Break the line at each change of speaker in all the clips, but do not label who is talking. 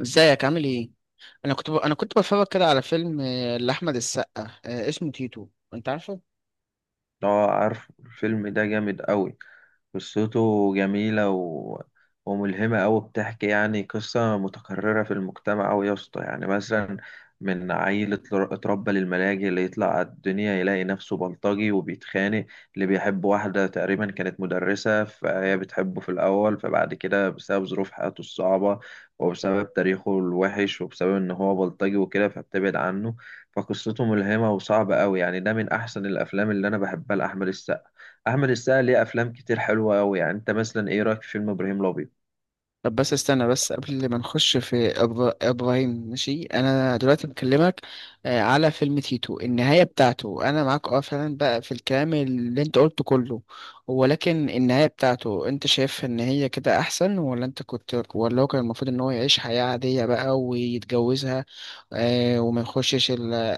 ازيك؟ عامل ايه؟ انا كنت بتفرج كده على فيلم، لاحمد السقا، اسمه تيتو. انت عارفه؟
اه عارف الفيلم ده جامد قوي. قصته جميلة وملهمة أوي. بتحكي يعني قصة متكررة في المجتمع أوي يا اسطى، يعني مثلا من عيل اتربى للملاجئ، اللي يطلع على الدنيا يلاقي نفسه بلطجي وبيتخانق، اللي بيحب واحدة تقريبا كانت مدرسة، فهي بتحبه في الأول، فبعد كده بسبب ظروف حياته الصعبة وبسبب تاريخه الوحش وبسبب إن هو بلطجي وكده فبتبعد عنه. فقصته ملهمة وصعبة قوي يعني، ده من أحسن الأفلام اللي أنا بحبها لأحمد السقا. أحمد السقا ليه أفلام كتير حلوة أوي. يعني أنت مثلا إيه رأيك في فيلم إبراهيم الأبيض؟
طب بس استنى، بس قبل ما نخش في ابراهيم. ماشي، انا دلوقتي بكلمك، على فيلم تيتو. النهايه بتاعته، انا معاك، اه، فعلا بقى في الكلام اللي انت قلته كله. ولكن النهايه بتاعته، انت شايف ان هي كده احسن، ولا انت كنت ولا هو كان المفروض ان هو يعيش حياه عاديه بقى ويتجوزها؟ وما يخشش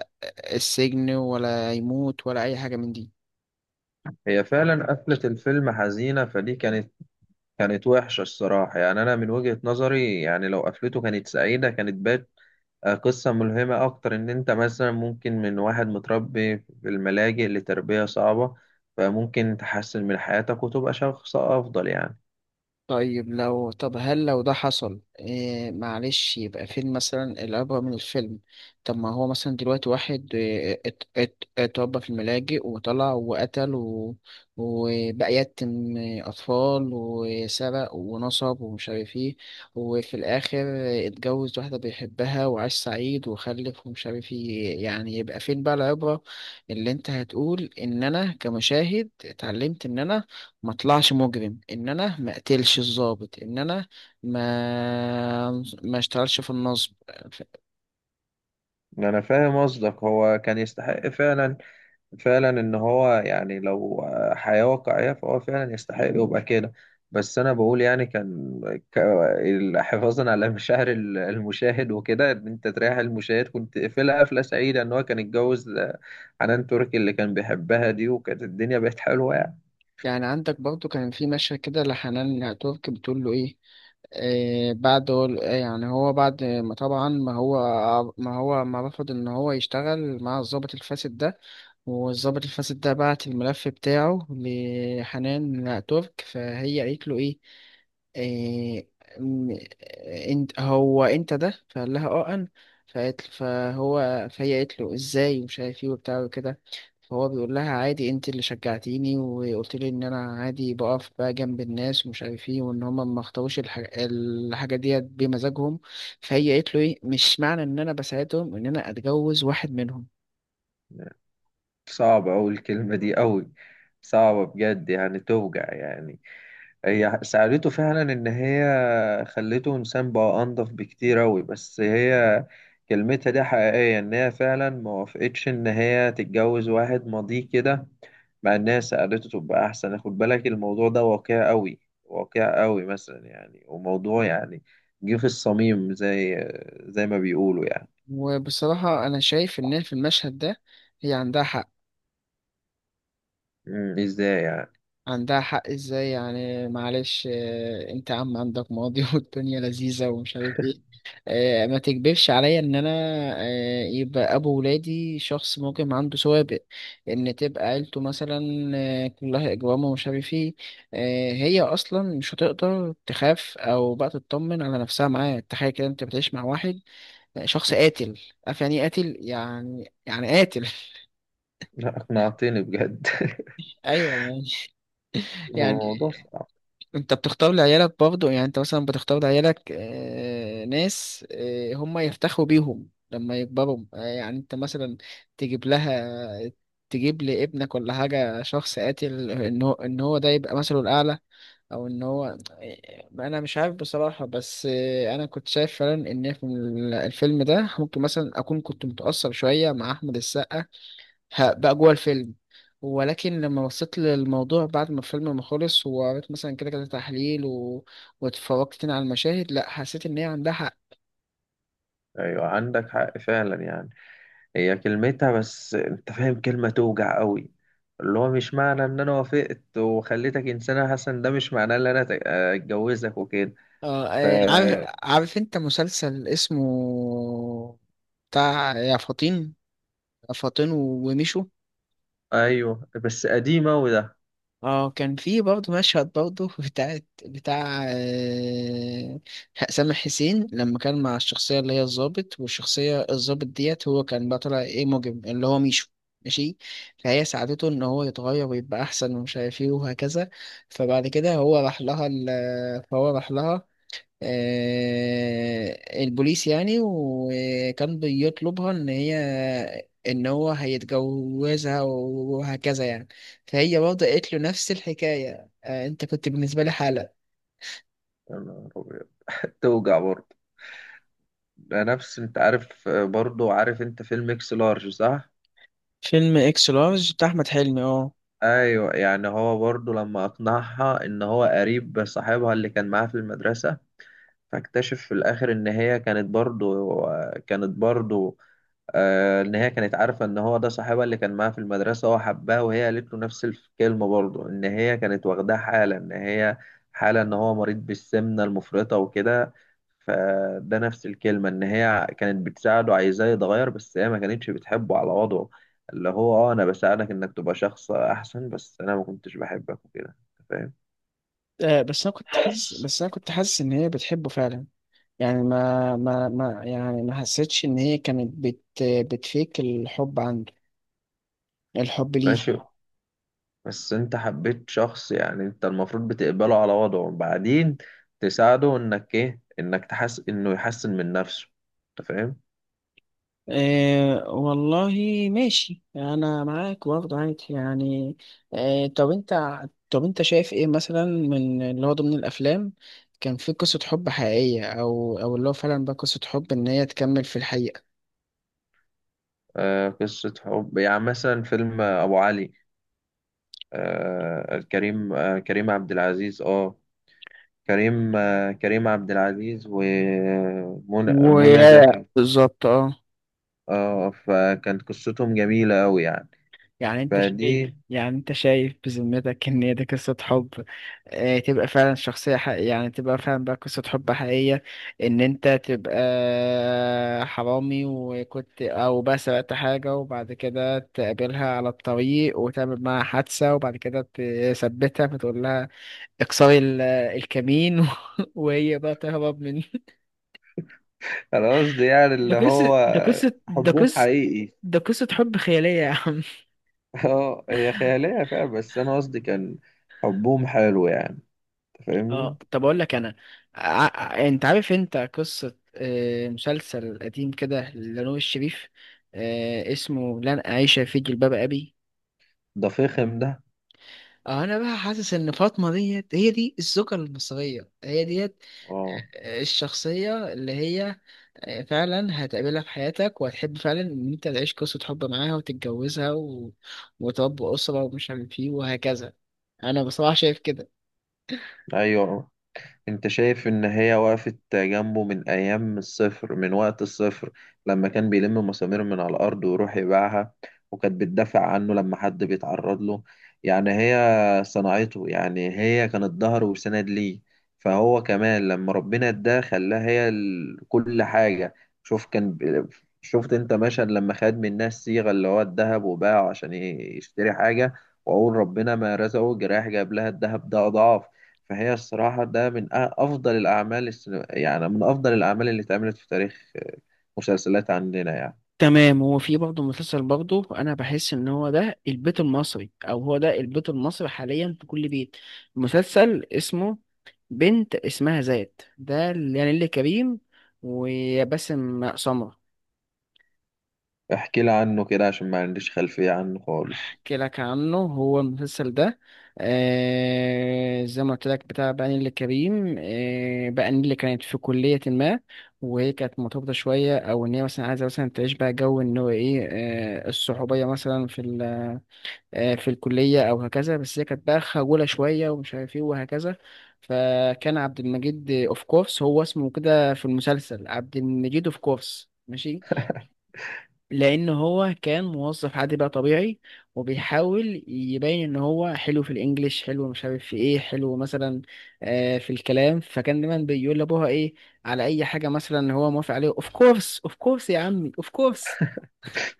السجن، ولا يموت ولا أي حاجة من دي.
هي فعلا قفلة الفيلم حزينة، فدي كانت وحشة الصراحة. يعني أنا من وجهة نظري يعني لو قفلته كانت سعيدة كانت بات قصة ملهمة أكتر، إن أنت مثلا ممكن من واحد متربي في الملاجئ لتربية صعبة فممكن تحسن من حياتك وتبقى شخص أفضل يعني.
طيب لو طب هل لو ده حصل إيه، معلش، يبقى فين مثلا العبرة من الفيلم؟ طب ما هو مثلا دلوقتي واحد، إيه، اتربى في الملاجئ وطلع وقتل وبقى يتم أطفال وسرق ونصب ومش عارف ايه، وفي الآخر اتجوز واحدة بيحبها، وعاش سعيد وخلف ومش عارف ايه. يعني يبقى فين بقى العبرة اللي انت هتقول ان انا كمشاهد اتعلمت ان انا ما اطلعش مجرم، ان انا ما اقتلش الضابط، ان انا ما ما اشتغلش في النصب. ف-
أنا فاهم قصدك، هو كان يستحق فعلا، فعلا ان هو يعني لو حياة واقعية فهو فعلا يستحق يبقى كده. بس انا بقول يعني ك- حفاظا على المشاهد وكده، ان انت تريح المشاهد، كنت قفلها قفلة سعيدة ان هو كان اتجوز حنان تركي اللي كان بيحبها دي، وكانت الدنيا بقت حلوة يعني.
يعني عندك برضو كان في مشهد كده لحنان ترك بتقول له ايه، إيه بعد إيه، يعني هو بعد ما طبعا ما هو ما رفض ان هو يشتغل مع الضابط الفاسد ده، والضابط الفاسد ده بعت الملف بتاعه لحنان ترك. فهي قالت له ايه، إيه، م- انت هو انت ده؟ فقال لها اه انا. فقالت فهو فهي قالت له ازاي ومش عارف ايه وبتاع وكده. فهو بيقول لها عادي، انت اللي شجعتيني وقلت لي ان انا عادي بقف بقى جنب الناس ومش عارف ايه، وان هما ما اختاروش الحاجه ديت بمزاجهم. فهي قالت له ايه، مش معنى ان انا بساعدهم ان انا اتجوز واحد منهم.
صعبة اوي الكلمة دي اوي، صعبة بجد يعني توجع يعني. هي ساعدته فعلا، إن هي خلته إنسان بقى أنضف بكتير أوي، بس هي كلمتها دي حقيقية، إن هي فعلا ما وافقتش إن هي تتجوز واحد ماضيه كده، مع إن هي ساعدته تبقى أحسن. خد بالك الموضوع ده واقع أوي، واقع أوي مثلا يعني، وموضوع يعني جه في الصميم زي زي ما بيقولوا يعني.
وبصراحه انا شايف ان في المشهد ده هي عندها حق.
إزاي يعني؟
عندها حق ازاي، يعني معلش، انت عندك ماضي والدنيا لذيذة ومش عارف ايه. ما تكبرش عليا ان انا، يبقى ابو ولادي شخص ممكن عنده سوابق، ان تبقى عيلته مثلا، كلها اجرام ومش عارف ايه. هي اصلا مش هتقدر تخاف او بقى تطمن على نفسها معاه. تخيل كده، انت بتعيش مع واحد، شخص قاتل. عارف يعني ايه قاتل؟ يعني قاتل.
لا أقنعتني بجد.
ايوه يعني. يعني
الموضوع صعب.
انت بتختار لعيالك برضه، يعني انت مثلا بتختار لعيالك، ناس، هم يفتخروا بيهم لما يكبروا. يعني انت مثلا تجيب لها تجيب لابنك ولا حاجة شخص قاتل ان هو ده يبقى مثله الأعلى، او ان هو، انا مش عارف بصراحة، بس انا كنت شايف فعلا ان في الفيلم ده ممكن مثلا اكون كنت متأثر شوية مع احمد السقا، بقى جوه الفيلم. ولكن لما بصيت للموضوع بعد ما الفيلم ما خلص، وقريت مثلا كده كده تحليل واتفرجت تاني على المشاهد، لا، حسيت ان هي عندها حق.
أيوة عندك حق فعلا يعني، هي كلمتها بس انت فاهم كلمة توجع قوي، اللي هو مش معنى ان انا وافقت وخليتك انسانة حسن، ده مش معناه ان انا اتجوزك وكده. ف
عارف انت مسلسل اسمه بتاع يا فطين، يا فطين وميشو؟
ايوه بس قديمة وده.
اه، كان في برضه مشهد برضه بتاع سامح حسين لما كان مع الشخصية اللي هي الضابط، والشخصية الضابط ديت، هو كان بقى طالع ايه، مجرم اللي هو ميشو. ماشي. فهي ساعدته ان هو يتغير ويبقى احسن ومش عارف ايه وهكذا. فبعد كده، هو راح لها ال- فهو راح لها، البوليس يعني، وكان بيطلبها ان هي ان هو هيتجوزها وهكذا يعني. فهي برضه قالت له نفس الحكايه، انت كنت بالنسبه لي حاله.
يا نهار أبيض. توجع برضه. ده نفس، انت عارف برضه، عارف انت فيلم اكس لارج، صح؟
فيلم اكس لارج بتاع احمد حلمي، اه.
ايوه يعني هو برضه لما اقنعها ان هو قريب صاحبها اللي كان معاها في المدرسة، فاكتشف في الآخر إن هي كانت برضو كانت برضو آه، إن هي كانت عارفة إن هو ده صاحبها اللي كان معاها في المدرسة، هو حبها وهي قالت له نفس الكلمة برضو، إن هي كانت واخداه حالة، إن هي حالة إن هو مريض بالسمنة المفرطة وكده. فده نفس الكلمة، إن هي كانت بتساعده عايزاه يتغير بس هي ما كانتش بتحبه على وضعه، اللي هو أه أنا بساعدك إنك تبقى شخص أحسن بس أنا ما كنتش بحبك وكده. أنت فاهم؟
بس انا كنت حاسس ان هي بتحبه فعلا. يعني ما يعني ما حسيتش ان هي كانت بتفيك الحب عنده، الحب ليه.
ماشي، بس انت حبيت شخص يعني انت المفروض بتقبله على وضعه، وبعدين تساعده انك ايه انك تحس انه يحسن من نفسه. انت فاهم؟
أه والله. ماشي، انا معاك برضه، عادي يعني. أه، طب انت شايف ايه مثلا من اللي هو ضمن الافلام كان في قصة حب حقيقية، او اللي هو فعلا بقى قصة حب ان هي تكمل في الحقيقة؟
آه قصة حب يعني مثلا فيلم ابو علي، آه كريم عبد العزيز. اه كريم، كريم عبد العزيز ومنى،
و،
منى زكي.
بالظبط، اه.
اه، فكانت قصتهم جميلة قوي يعني.
يعني انت شايف
فدي،
يعني انت شايف بذمتك ان هي دي قصة حب، اه تبقى فعلا شخصية حقيقية، يعني تبقى فعلا بقى قصة حب حقيقية، ان انت تبقى، حرامي وكنت او بقى سرقت حاجة، وبعد كده تقابلها على الطريق وتعمل معاها حادثة، وبعد كده تثبتها فتقول لها اكسري الكمين وهي بقى تهرب من؟
انا قصدي يعني
ده
اللي
قصة
هو
ده قصة ده
حبهم
قصة
حقيقي.
ده قصة حب خيالية يا عم.
اه هي خيالية فعلا، بس أنا قصدي كان حبهم حلو يعني. أنت فاهمني؟
اه، طب اقول لك انا. انت عارف انت قصة، مسلسل قديم كده لنور الشريف، اسمه لن أعيش في جلباب أبي؟
ده فخم ده.
اه، انا بقى حاسس ان فاطمة ديت هي دي الزوجة المصرية، هي ديت،
اه.
الشخصية اللي هي فعلا هتقابلها في حياتك، وهتحب فعلا ان انت تعيش قصة حب معاها وتتجوزها وتربي أسرة ومش عارف ايه وهكذا. انا بصراحة شايف كده.
أيوه، انت شايف ان هي وقفت جنبه من ايام الصفر، من وقت الصفر، لما كان بيلم مسامير من على الارض ويروح يبيعها، وكانت بتدافع عنه لما حد بيتعرض له. يعني هي صنعته، يعني هي كانت ظهر وسند ليه. فهو كمان لما ربنا اداه خلاها هي كل حاجة. شوف كان ب- شفت انت مشهد لما خد من الناس صيغة، اللي هو الذهب، وباعه عشان يشتري حاجة، وأقول ربنا ما رزقه جراح جاب لها الذهب ده أضعاف. فهي الصراحة ده من أفضل الأعمال يعني من أفضل الأعمال اللي اتعملت في تاريخ مسلسلات عندنا يعني.
تمام. هو في برضه مسلسل برضه انا بحس ان هو ده البيت المصري، او هو ده البيت المصري حاليا في كل بيت، مسلسل اسمه بنت اسمها زاد. ده يعني اللي كريم وباسم سمرة.
احكي لي عنه كده عشان ما عنديش خلفية عنه خالص.
احكي لك عنه. هو المسلسل ده، زي ما قلت لك، بتاع بقى نيللي كريم. بقى نيللي كانت في كلية ما، وهي كانت مرتبطة شوية، أو إن هي مثلا عايزة مثلا تعيش بقى جو إن هو إيه، الصحوبية مثلا في الكلية أو هكذا. بس هي كانت بقى خجولة شوية ومش عارف إيه وهكذا. فكان عبد المجيد أوف كورس، هو اسمه كده في المسلسل عبد المجيد أوف كورس. ماشي. لأن هو كان موظف عادي بقى طبيعي، وبيحاول يبين إن هو حلو في الإنجليش، حلو مش عارف في إيه، حلو مثلا في الكلام. فكان دايما بيقول لأبوها إيه على أي حاجة مثلا هو موافق عليه: أوف كورس، أوف كورس يا عمي، أوف كورس.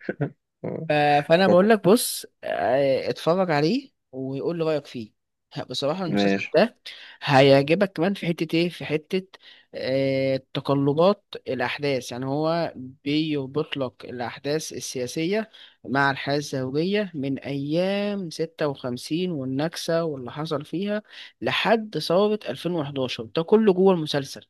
آه،
ف- فانا بقول
فت-
لك بص، اتفرج عليه ويقول لي رايك فيه. بصراحه المسلسل
ماشي.
ده هيعجبك كمان في حته ايه، في حته تقلبات الاحداث. يعني هو بيربط لك الاحداث السياسيه مع الحياه الزوجيه من ايام 56 والنكسه واللي حصل فيها، لحد ثوره 2011. ده كله جوه المسلسل.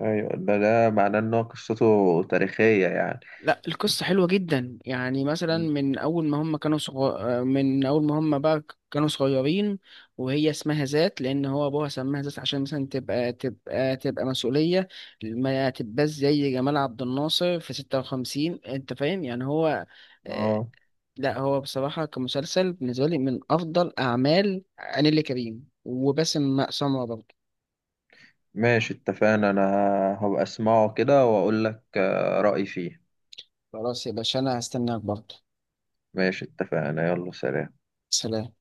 أيوة ده، ده معناه إن هو قصته تاريخية يعني.
لا، القصة حلوة جدا، يعني مثلا من أول ما هم بقى كانوا صغيرين. وهي اسمها ذات لأن هو أبوها سماها ذات، عشان مثلا تبقى مسؤولية، ما تبقاش زي جمال عبد الناصر في ستة وخمسين. أنت فاهم؟ يعني هو، آه،
اه.
لا، هو بصراحة كمسلسل بالنسبة لي من أفضل أعمال نيللي كريم وباسم سمرة برضه.
ماشي اتفقنا. أنا هبقى أسمعه كده وأقول لك رأيي فيه.
خلاص يا باشا، أنا هستناك برضه.
ماشي اتفقنا، يلا سلام.
سلام.